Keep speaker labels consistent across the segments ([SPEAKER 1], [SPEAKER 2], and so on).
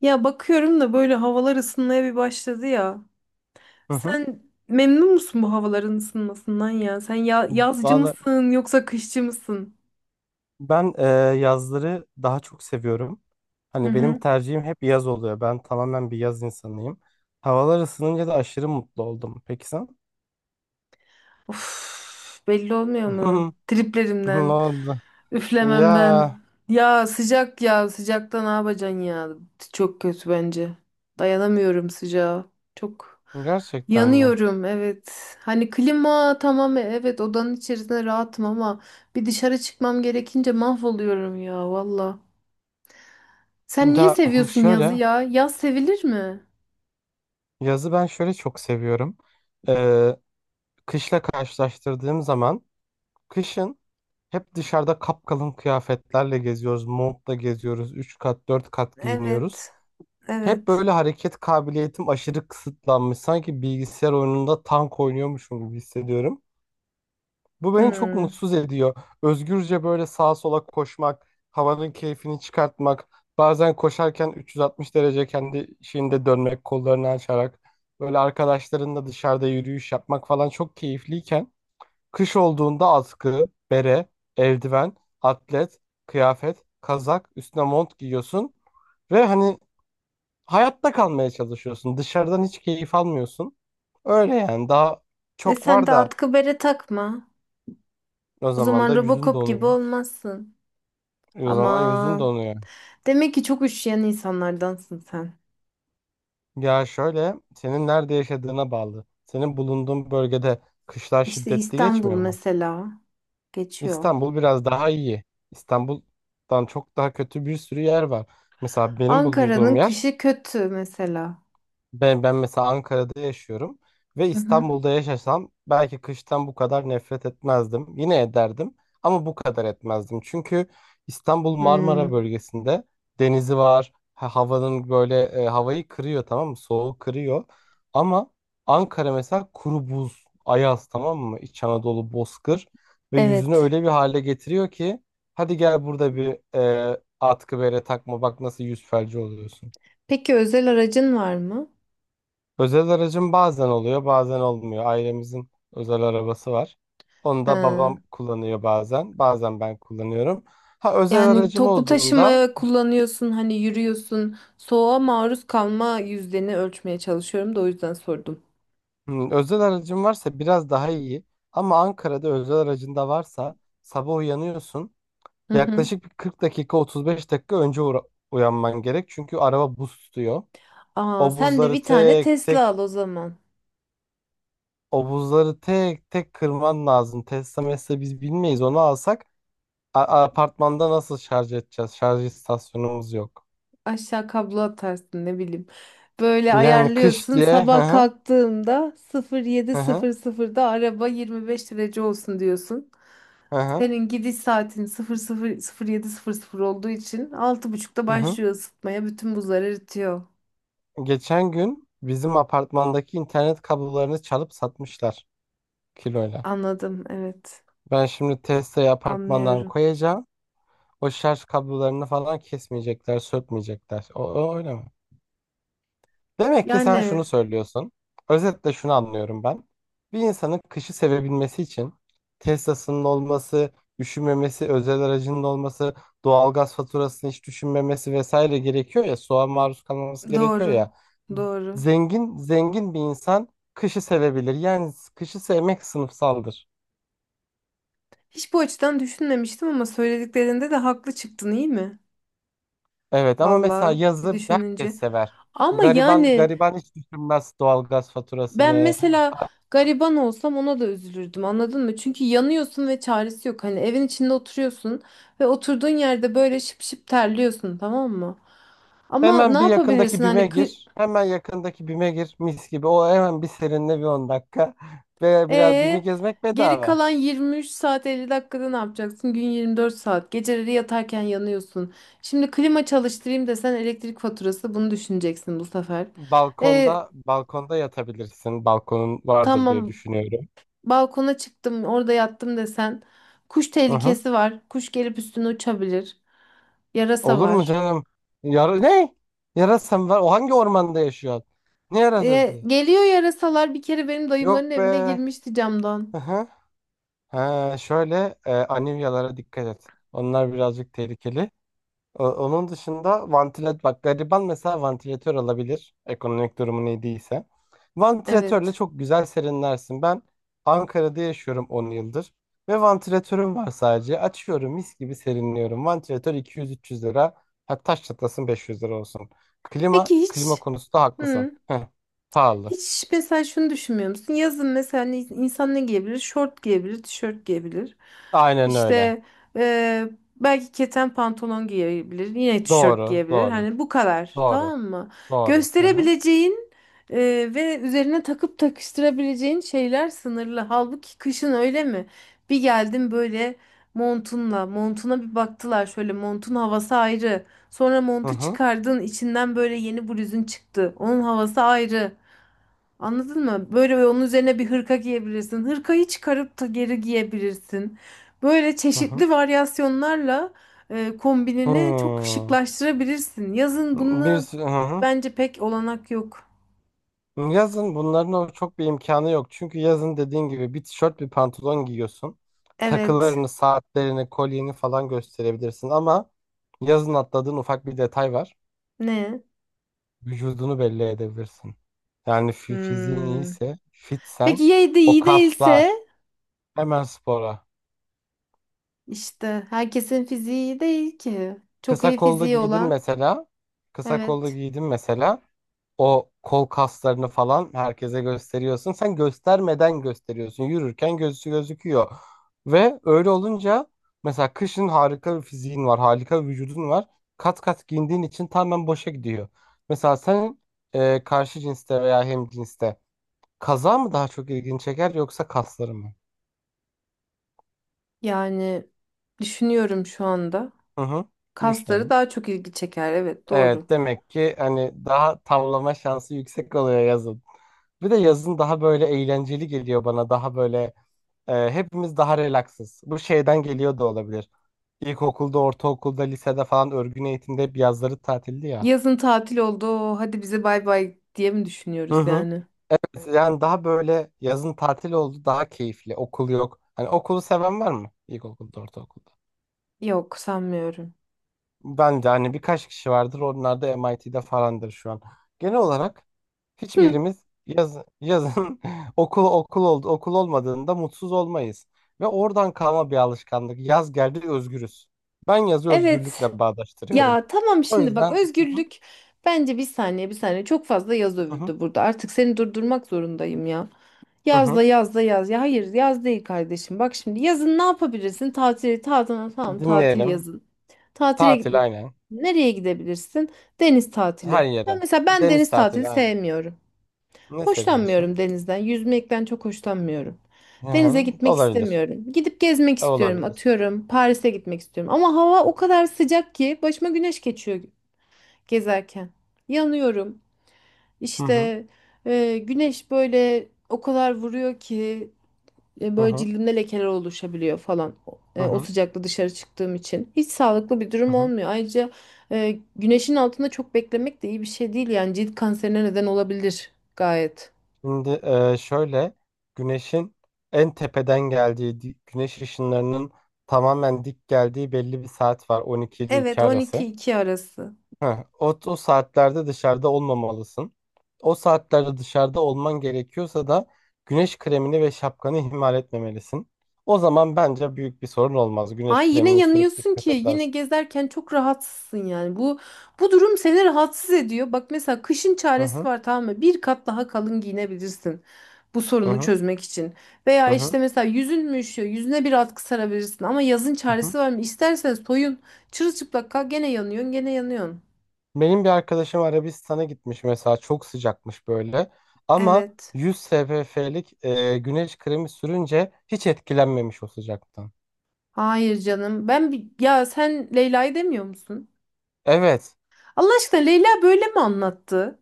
[SPEAKER 1] Ya bakıyorum da böyle havalar ısınmaya bir başladı ya.
[SPEAKER 2] Hı hı.
[SPEAKER 1] Sen memnun musun bu havaların ısınmasından ya? Sen ya yazcı
[SPEAKER 2] Valla
[SPEAKER 1] mısın yoksa kışçı mısın?
[SPEAKER 2] ben yazları daha çok seviyorum.
[SPEAKER 1] Hı
[SPEAKER 2] Hani benim
[SPEAKER 1] hı.
[SPEAKER 2] tercihim hep yaz oluyor. Ben tamamen bir yaz insanıyım. Havalar ısınınca da aşırı mutlu oldum. Peki sen?
[SPEAKER 1] Of, belli olmuyor mu?
[SPEAKER 2] Ne
[SPEAKER 1] Triplerimden,
[SPEAKER 2] oldu? Ya,
[SPEAKER 1] üflememden. Ya sıcak ya sıcakta ne yapacaksın ya? Çok kötü bence. Dayanamıyorum sıcağa. Çok
[SPEAKER 2] gerçekten mi?
[SPEAKER 1] yanıyorum, evet. Hani klima tamam, evet, odanın içerisinde rahatım ama bir dışarı çıkmam gerekince mahvoluyorum ya valla. Sen niye
[SPEAKER 2] Ya
[SPEAKER 1] seviyorsun yazı
[SPEAKER 2] şöyle,
[SPEAKER 1] ya? Yaz sevilir mi?
[SPEAKER 2] yazı ben şöyle çok seviyorum. Ee, Kışla karşılaştırdığım zaman kışın hep dışarıda kapkalın kıyafetlerle geziyoruz. Montla geziyoruz. Üç kat 4 kat giyiniyoruz.
[SPEAKER 1] Evet,
[SPEAKER 2] Hep
[SPEAKER 1] evet.
[SPEAKER 2] böyle hareket kabiliyetim aşırı kısıtlanmış. Sanki bilgisayar oyununda tank oynuyormuşum gibi hissediyorum. Bu beni çok
[SPEAKER 1] Hmm.
[SPEAKER 2] mutsuz ediyor. Özgürce böyle sağa sola koşmak, havanın keyfini çıkartmak, bazen koşarken 360 derece kendi şeyinde dönmek, kollarını açarak, böyle arkadaşlarınla dışarıda yürüyüş yapmak falan çok keyifliyken, kış olduğunda atkı, bere, eldiven, atlet, kıyafet, kazak, üstüne mont giyiyorsun ve hani hayatta kalmaya çalışıyorsun. Dışarıdan hiç keyif almıyorsun. Öyle yani daha
[SPEAKER 1] E
[SPEAKER 2] çok
[SPEAKER 1] sen
[SPEAKER 2] var
[SPEAKER 1] de
[SPEAKER 2] da
[SPEAKER 1] atkı bere takma.
[SPEAKER 2] o
[SPEAKER 1] O
[SPEAKER 2] zaman
[SPEAKER 1] zaman
[SPEAKER 2] da yüzün
[SPEAKER 1] Robocop gibi
[SPEAKER 2] donuyor.
[SPEAKER 1] olmazsın.
[SPEAKER 2] O zaman yüzün
[SPEAKER 1] Ama
[SPEAKER 2] donuyor.
[SPEAKER 1] demek ki çok üşüyen insanlardansın sen.
[SPEAKER 2] Ya şöyle, senin nerede yaşadığına bağlı. Senin bulunduğun bölgede kışlar
[SPEAKER 1] İşte
[SPEAKER 2] şiddetli
[SPEAKER 1] İstanbul
[SPEAKER 2] geçmiyor mu?
[SPEAKER 1] mesela geçiyor.
[SPEAKER 2] İstanbul biraz daha iyi. İstanbul'dan çok daha kötü bir sürü yer var. Mesela benim
[SPEAKER 1] Ankara'nın
[SPEAKER 2] bulunduğum yer.
[SPEAKER 1] kışı kötü mesela.
[SPEAKER 2] Ben mesela Ankara'da yaşıyorum ve
[SPEAKER 1] Hı hı.
[SPEAKER 2] İstanbul'da yaşasam belki kıştan bu kadar nefret etmezdim. Yine ederdim ama bu kadar etmezdim. Çünkü İstanbul Marmara
[SPEAKER 1] Hmm,
[SPEAKER 2] bölgesinde, denizi var. Havayı kırıyor, tamam mı? Soğuğu kırıyor. Ama Ankara mesela kuru buz, ayaz, tamam mı? İç Anadolu bozkır ve yüzünü
[SPEAKER 1] evet.
[SPEAKER 2] öyle bir hale getiriyor ki hadi gel burada bir atkı bere takma, bak nasıl yüz felci oluyorsun.
[SPEAKER 1] Peki özel aracın var mı?
[SPEAKER 2] Özel aracım bazen oluyor, bazen olmuyor. Ailemizin özel arabası var. Onu da
[SPEAKER 1] Ha.
[SPEAKER 2] babam kullanıyor bazen, bazen ben kullanıyorum. Ha, özel
[SPEAKER 1] Yani
[SPEAKER 2] aracım
[SPEAKER 1] toplu
[SPEAKER 2] olduğunda,
[SPEAKER 1] taşımaya kullanıyorsun, hani yürüyorsun. Soğuğa maruz kalma yüzdeni ölçmeye çalışıyorum da o yüzden sordum.
[SPEAKER 2] özel aracım varsa biraz daha iyi. Ama Ankara'da özel aracın da varsa sabah uyanıyorsun.
[SPEAKER 1] Hı hı.
[SPEAKER 2] Yaklaşık bir 40 dakika, 35 dakika önce uyanman gerek. Çünkü araba buz tutuyor.
[SPEAKER 1] Aa,
[SPEAKER 2] O
[SPEAKER 1] sen de
[SPEAKER 2] buzları
[SPEAKER 1] bir tane
[SPEAKER 2] tek
[SPEAKER 1] Tesla
[SPEAKER 2] tek,
[SPEAKER 1] al o zaman.
[SPEAKER 2] o buzları tek tek kırman lazım. Tesla mesle biz bilmeyiz, onu alsak apartmanda nasıl şarj edeceğiz? Şarj istasyonumuz yok.
[SPEAKER 1] Aşağı kablo atarsın, ne bileyim. Böyle
[SPEAKER 2] Yani kış
[SPEAKER 1] ayarlıyorsun.
[SPEAKER 2] diye. Hı
[SPEAKER 1] Sabah
[SPEAKER 2] hı,
[SPEAKER 1] kalktığımda
[SPEAKER 2] hı hı,
[SPEAKER 1] 07:00'da araba 25 derece olsun diyorsun.
[SPEAKER 2] hı hı.
[SPEAKER 1] Senin gidiş saatin sıfır sıfır sıfır sıfır yedi sıfır sıfır olduğu için 06:30'da
[SPEAKER 2] Hı hı.
[SPEAKER 1] başlıyor ısıtmaya. Bütün buzlar eritiyor.
[SPEAKER 2] Geçen gün bizim apartmandaki internet kablolarını çalıp satmışlar kiloyla.
[SPEAKER 1] Anladım, evet.
[SPEAKER 2] Ben şimdi testeyi apartmandan
[SPEAKER 1] Anlıyorum.
[SPEAKER 2] koyacağım. O şarj kablolarını falan kesmeyecekler, sökmeyecekler. O öyle mi? Demek ki sen şunu
[SPEAKER 1] Yani
[SPEAKER 2] söylüyorsun. Özetle şunu anlıyorum ben. Bir insanın kışı sevebilmesi için Tesla'sının olması, üşümemesi, özel aracının olması, doğalgaz faturasını hiç düşünmemesi vesaire gerekiyor ya, soğuğa maruz kalmaması gerekiyor
[SPEAKER 1] doğru.
[SPEAKER 2] ya.
[SPEAKER 1] Doğru.
[SPEAKER 2] Zengin zengin bir insan kışı sevebilir. Yani kışı sevmek sınıfsaldır.
[SPEAKER 1] Hiç bu açıdan düşünmemiştim ama söylediklerinde de haklı çıktın, iyi mi?
[SPEAKER 2] Evet, ama mesela
[SPEAKER 1] Vallahi bir
[SPEAKER 2] yazı herkes
[SPEAKER 1] düşününce.
[SPEAKER 2] sever.
[SPEAKER 1] Ama
[SPEAKER 2] Gariban
[SPEAKER 1] yani
[SPEAKER 2] gariban hiç düşünmez doğalgaz
[SPEAKER 1] ben
[SPEAKER 2] faturasını.
[SPEAKER 1] mesela gariban olsam ona da üzülürdüm, anladın mı? Çünkü yanıyorsun ve çaresi yok. Hani evin içinde oturuyorsun ve oturduğun yerde böyle şıp şıp terliyorsun, tamam mı? Ama ne
[SPEAKER 2] Hemen bir yakındaki
[SPEAKER 1] yapabilirsin
[SPEAKER 2] BİM'e
[SPEAKER 1] hani kı
[SPEAKER 2] gir. Hemen yakındaki BİM'e gir. Mis gibi. O hemen bir serinle bir 10 dakika. Ve biraz BİM'i
[SPEAKER 1] ee,
[SPEAKER 2] gezmek
[SPEAKER 1] geri
[SPEAKER 2] bedava.
[SPEAKER 1] kalan 23 saat 50 dakikada ne yapacaksın? Gün 24 saat. Geceleri yatarken yanıyorsun. Şimdi klima çalıştırayım desen elektrik faturası bunu düşüneceksin bu sefer. E,
[SPEAKER 2] Balkonda yatabilirsin. Balkonun vardır diye
[SPEAKER 1] tamam,
[SPEAKER 2] düşünüyorum.
[SPEAKER 1] balkona çıktım, orada yattım desen kuş
[SPEAKER 2] Hı hı.
[SPEAKER 1] tehlikesi var. Kuş gelip üstüne uçabilir. Yarasa
[SPEAKER 2] Olur mu
[SPEAKER 1] var.
[SPEAKER 2] canım? Yara ne? Yarasa var? O hangi ormanda yaşıyor? Ne yarasası?
[SPEAKER 1] Geliyor yarasalar, bir kere benim
[SPEAKER 2] Yok
[SPEAKER 1] dayımların
[SPEAKER 2] be.
[SPEAKER 1] evine girmişti camdan.
[SPEAKER 2] Hı hı. Ha, anivyalara dikkat et. Onlar birazcık tehlikeli. Onun dışında vantilatör, bak, gariban mesela vantilatör alabilir, ekonomik durumu ne değilse. Vantilatörle
[SPEAKER 1] Evet.
[SPEAKER 2] çok güzel serinlersin. Ben Ankara'da yaşıyorum 10 yıldır ve vantilatörüm var sadece. Açıyorum, mis gibi serinliyorum. Vantilatör 200-300 lira. Hatta taş çatlasın 500 lira olsun. Klima,
[SPEAKER 1] Peki
[SPEAKER 2] klima
[SPEAKER 1] hiç?
[SPEAKER 2] konusunda haklısın.
[SPEAKER 1] Hı.
[SPEAKER 2] Heh, pahalı.
[SPEAKER 1] Hiç mesela şunu düşünmüyor musun? Yazın mesela insan ne giyebilir? Şort giyebilir, tişört giyebilir.
[SPEAKER 2] Aynen öyle.
[SPEAKER 1] İşte eee, belki keten pantolon giyebilir, yine tişört
[SPEAKER 2] Doğru,
[SPEAKER 1] giyebilir.
[SPEAKER 2] doğru,
[SPEAKER 1] Hani bu kadar,
[SPEAKER 2] doğru,
[SPEAKER 1] tamam mı?
[SPEAKER 2] doğru. Hı hı,
[SPEAKER 1] Gösterebileceğin ve üzerine takıp takıştırabileceğin şeyler sınırlı. Halbuki kışın öyle mi? Bir geldim böyle montunla, montuna bir baktılar, şöyle montun havası ayrı. Sonra
[SPEAKER 2] hı
[SPEAKER 1] montu
[SPEAKER 2] hı,
[SPEAKER 1] çıkardın, içinden böyle yeni bluzun çıktı. Onun havası ayrı. Anladın mı? Böyle onun üzerine bir hırka giyebilirsin. Hırkayı çıkarıp da geri giyebilirsin. Böyle
[SPEAKER 2] hı hı.
[SPEAKER 1] çeşitli varyasyonlarla kombinini çok
[SPEAKER 2] Hmm.
[SPEAKER 1] şıklaştırabilirsin. Yazın
[SPEAKER 2] Bir
[SPEAKER 1] bununla
[SPEAKER 2] sürü, hı hı.
[SPEAKER 1] bence pek olanak yok.
[SPEAKER 2] Yazın bunların o çok bir imkanı yok. Çünkü yazın dediğin gibi bir tişört bir pantolon giyiyorsun.
[SPEAKER 1] Evet.
[SPEAKER 2] Takılarını, saatlerini, kolyeni falan gösterebilirsin ama yazın atladığın ufak bir detay var.
[SPEAKER 1] Ne?
[SPEAKER 2] Vücudunu belli edebilirsin. Yani fiziğin
[SPEAKER 1] Hmm.
[SPEAKER 2] iyiyse, fitsen
[SPEAKER 1] Peki ya de
[SPEAKER 2] o
[SPEAKER 1] iyi değilse?
[SPEAKER 2] kaslar hemen spora.
[SPEAKER 1] İşte herkesin fiziği iyi değil ki. Çok
[SPEAKER 2] Kısa
[SPEAKER 1] iyi
[SPEAKER 2] kollu
[SPEAKER 1] fiziği
[SPEAKER 2] giydin
[SPEAKER 1] olan.
[SPEAKER 2] mesela. Kısa kollu
[SPEAKER 1] Evet.
[SPEAKER 2] giydin mesela. O kol kaslarını falan herkese gösteriyorsun. Sen göstermeden gösteriyorsun. Yürürken gözü gözüküyor. Ve öyle olunca mesela kışın harika bir fiziğin var, harika bir vücudun var. Kat kat giyindiğin için tamamen boşa gidiyor. Mesela sen karşı cinste veya hemcinste kaza mı daha çok ilgini çeker yoksa kasları mı?
[SPEAKER 1] Yani düşünüyorum şu anda.
[SPEAKER 2] Hı hı.
[SPEAKER 1] Kasları
[SPEAKER 2] Düşünelim.
[SPEAKER 1] daha çok ilgi çeker. Evet, doğru.
[SPEAKER 2] Evet, demek ki hani daha tavlama şansı yüksek oluyor yazın. Bir de yazın daha böyle eğlenceli geliyor bana. Daha böyle Hepimiz daha relaksız. Bu şeyden geliyor da olabilir. İlkokulda, ortaokulda, lisede falan örgün eğitimde hep yazları tatildi ya.
[SPEAKER 1] Yazın tatil oldu. Hadi bize bay bay diye mi
[SPEAKER 2] Hı
[SPEAKER 1] düşünüyoruz
[SPEAKER 2] hı.
[SPEAKER 1] yani?
[SPEAKER 2] Yani daha böyle yazın tatil oldu, daha keyifli. Okul yok. Hani okulu seven var mı? İlkokulda, ortaokulda.
[SPEAKER 1] Yok, sanmıyorum.
[SPEAKER 2] Ben de hani birkaç kişi vardır. Onlar da MIT'de falandır şu an. Genel olarak
[SPEAKER 1] Hı,
[SPEAKER 2] hiçbirimiz yazın okul olmadığında mutsuz olmayız. Ve oradan kalma bir alışkanlık. Yaz geldi, özgürüz. Ben yazı
[SPEAKER 1] evet.
[SPEAKER 2] özgürlükle bağdaştırıyorum.
[SPEAKER 1] Ya tamam,
[SPEAKER 2] O
[SPEAKER 1] şimdi bak,
[SPEAKER 2] yüzden. Hı,
[SPEAKER 1] özgürlük bence, bir saniye bir saniye, çok fazla yaz
[SPEAKER 2] hı hı,
[SPEAKER 1] övüldü burada. Artık seni durdurmak zorundayım ya.
[SPEAKER 2] hı
[SPEAKER 1] Yaz da
[SPEAKER 2] hı.
[SPEAKER 1] yaz da yaz. Ya hayır, yaz değil kardeşim. Bak şimdi yazın ne yapabilirsin? Tatili tatil, tamam, tatil
[SPEAKER 2] Dinleyelim.
[SPEAKER 1] yazın. Tatile
[SPEAKER 2] Tatil
[SPEAKER 1] gitmek.
[SPEAKER 2] aynen.
[SPEAKER 1] Nereye gidebilirsin? Deniz
[SPEAKER 2] Her
[SPEAKER 1] tatili.
[SPEAKER 2] yere.
[SPEAKER 1] Ben mesela, ben
[SPEAKER 2] Deniz
[SPEAKER 1] deniz tatili
[SPEAKER 2] tatili aynen.
[SPEAKER 1] sevmiyorum.
[SPEAKER 2] Ne seviyorsun?
[SPEAKER 1] Hoşlanmıyorum denizden. Yüzmekten çok hoşlanmıyorum.
[SPEAKER 2] Hı
[SPEAKER 1] Denize
[SPEAKER 2] hı.
[SPEAKER 1] gitmek
[SPEAKER 2] Olabilir.
[SPEAKER 1] istemiyorum. Gidip gezmek istiyorum.
[SPEAKER 2] Olabilir.
[SPEAKER 1] Atıyorum, Paris'e gitmek istiyorum. Ama hava o kadar sıcak ki başıma güneş geçiyor gezerken. Yanıyorum.
[SPEAKER 2] Hı hı.
[SPEAKER 1] İşte güneş böyle o kadar vuruyor ki e,
[SPEAKER 2] Hı
[SPEAKER 1] Böyle
[SPEAKER 2] hı.
[SPEAKER 1] cildimde lekeler oluşabiliyor falan. O
[SPEAKER 2] Hı
[SPEAKER 1] e, o
[SPEAKER 2] hı.
[SPEAKER 1] sıcakta dışarı çıktığım için. Hiç sağlıklı bir
[SPEAKER 2] Hı
[SPEAKER 1] durum
[SPEAKER 2] hı.
[SPEAKER 1] olmuyor. Ayrıca güneşin altında çok beklemek de iyi bir şey değil. Yani cilt kanserine neden olabilir gayet.
[SPEAKER 2] Şimdi şöyle, güneşin en tepeden geldiği güneş ışınlarının tamamen dik geldiği belli bir saat var, 12 ile 2
[SPEAKER 1] Evet,
[SPEAKER 2] arası.
[SPEAKER 1] 12-2 arası.
[SPEAKER 2] Heh, o saatlerde dışarıda olmamalısın. O saatlerde dışarıda olman gerekiyorsa da güneş kremini ve şapkanı ihmal etmemelisin. O zaman bence büyük bir sorun olmaz. Güneş
[SPEAKER 1] Hay, yine
[SPEAKER 2] kremini sürüp
[SPEAKER 1] yanıyorsun
[SPEAKER 2] dikkat
[SPEAKER 1] ki yine
[SPEAKER 2] edersin.
[SPEAKER 1] gezerken çok rahatsızsın yani. Bu durum seni rahatsız ediyor. Bak mesela kışın
[SPEAKER 2] Hı
[SPEAKER 1] çaresi
[SPEAKER 2] hı,
[SPEAKER 1] var, tamam mı? Bir kat daha kalın giyinebilirsin. Bu
[SPEAKER 2] hı
[SPEAKER 1] sorunu
[SPEAKER 2] hı,
[SPEAKER 1] çözmek için. Veya
[SPEAKER 2] hı hı,
[SPEAKER 1] işte mesela yüzün mü üşüyor? Yüzüne bir atkı sarabilirsin. Ama yazın
[SPEAKER 2] hı hı.
[SPEAKER 1] çaresi var mı? İstersen soyun. Çırılçıplak kal, gene yanıyorsun, gene yanıyorsun.
[SPEAKER 2] Benim bir arkadaşım Arabistan'a gitmiş mesela, çok sıcakmış böyle ama
[SPEAKER 1] Evet.
[SPEAKER 2] 100 SPF'lik güneş kremi sürünce hiç etkilenmemiş o sıcaktan.
[SPEAKER 1] Hayır canım. Ben ya sen Leyla'yı demiyor musun?
[SPEAKER 2] Evet,
[SPEAKER 1] Allah aşkına, Leyla böyle mi anlattı?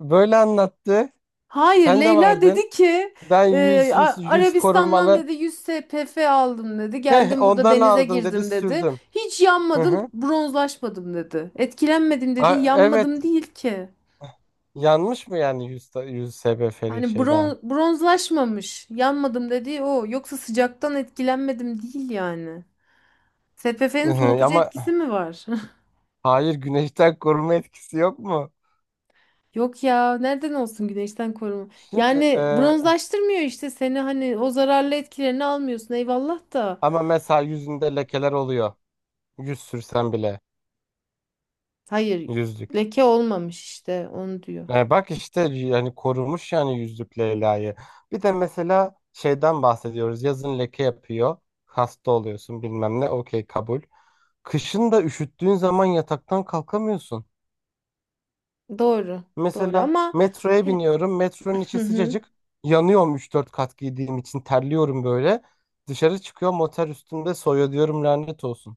[SPEAKER 2] böyle anlattı,
[SPEAKER 1] Hayır,
[SPEAKER 2] sen de
[SPEAKER 1] Leyla
[SPEAKER 2] vardın.
[SPEAKER 1] dedi ki
[SPEAKER 2] Ben 100 100 100
[SPEAKER 1] Arabistan'dan
[SPEAKER 2] korumalı,
[SPEAKER 1] dedi 100 SPF aldım dedi.
[SPEAKER 2] heh,
[SPEAKER 1] Geldim burada
[SPEAKER 2] ondan
[SPEAKER 1] denize
[SPEAKER 2] aldım dedi,
[SPEAKER 1] girdim dedi.
[SPEAKER 2] sürdüm.
[SPEAKER 1] Hiç
[SPEAKER 2] Hı
[SPEAKER 1] yanmadım,
[SPEAKER 2] hı.
[SPEAKER 1] bronzlaşmadım dedi. Etkilenmedim dedi.
[SPEAKER 2] Evet,
[SPEAKER 1] Yanmadım değil ki.
[SPEAKER 2] yanmış mı yani 100, 100 SPF'lik
[SPEAKER 1] Yani
[SPEAKER 2] şeyden?
[SPEAKER 1] bronzlaşmamış. Yanmadım dedi o. Yoksa sıcaktan etkilenmedim değil yani.
[SPEAKER 2] Hı
[SPEAKER 1] SPF'nin
[SPEAKER 2] hı.
[SPEAKER 1] soğutucu
[SPEAKER 2] Ama
[SPEAKER 1] etkisi mi var?
[SPEAKER 2] hayır, güneşten koruma etkisi yok mu?
[SPEAKER 1] Yok ya, nereden olsun güneşten koruma.
[SPEAKER 2] Şimdi
[SPEAKER 1] Yani bronzlaştırmıyor işte seni, hani o zararlı etkilerini almıyorsun, eyvallah da.
[SPEAKER 2] ama mesela yüzünde lekeler oluyor. Yüz sürsen bile
[SPEAKER 1] Hayır,
[SPEAKER 2] yüzlük.
[SPEAKER 1] leke olmamış işte, onu diyor.
[SPEAKER 2] Bak işte yani korumuş yani yüzlük Leyla'yı. Bir de mesela şeyden bahsediyoruz. Yazın leke yapıyor. Hasta oluyorsun bilmem ne. Okey kabul. Kışın da üşüttüğün zaman yataktan kalkamıyorsun.
[SPEAKER 1] Doğru, doğru
[SPEAKER 2] Mesela
[SPEAKER 1] ama
[SPEAKER 2] metroya
[SPEAKER 1] he-
[SPEAKER 2] biniyorum. Metronun
[SPEAKER 1] hı
[SPEAKER 2] içi
[SPEAKER 1] hı.
[SPEAKER 2] sıcacık. Yanıyorum üç dört kat giydiğim için, terliyorum böyle. Dışarı çıkıyorum, otel üstünde soyuyor diyorum, lanet olsun.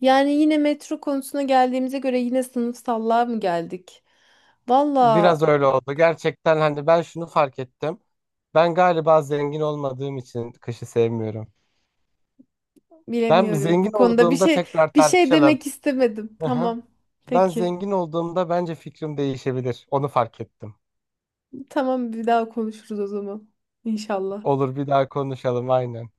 [SPEAKER 1] Yani yine metro konusuna geldiğimize göre yine sınıfsallığa mı geldik? Valla,
[SPEAKER 2] Biraz öyle oldu. Gerçekten hani ben şunu fark ettim. Ben galiba zengin olmadığım için kışı sevmiyorum. Ben
[SPEAKER 1] bilemiyorum
[SPEAKER 2] zengin
[SPEAKER 1] bu konuda bir
[SPEAKER 2] olduğumda
[SPEAKER 1] şey.
[SPEAKER 2] tekrar
[SPEAKER 1] Bir şey
[SPEAKER 2] tartışalım.
[SPEAKER 1] demek istemedim.
[SPEAKER 2] Aha.
[SPEAKER 1] Tamam.
[SPEAKER 2] Ben
[SPEAKER 1] Peki.
[SPEAKER 2] zengin olduğumda bence fikrim değişebilir. Onu fark ettim.
[SPEAKER 1] Tamam, bir daha konuşuruz o zaman. İnşallah.
[SPEAKER 2] Olur, bir daha konuşalım aynen.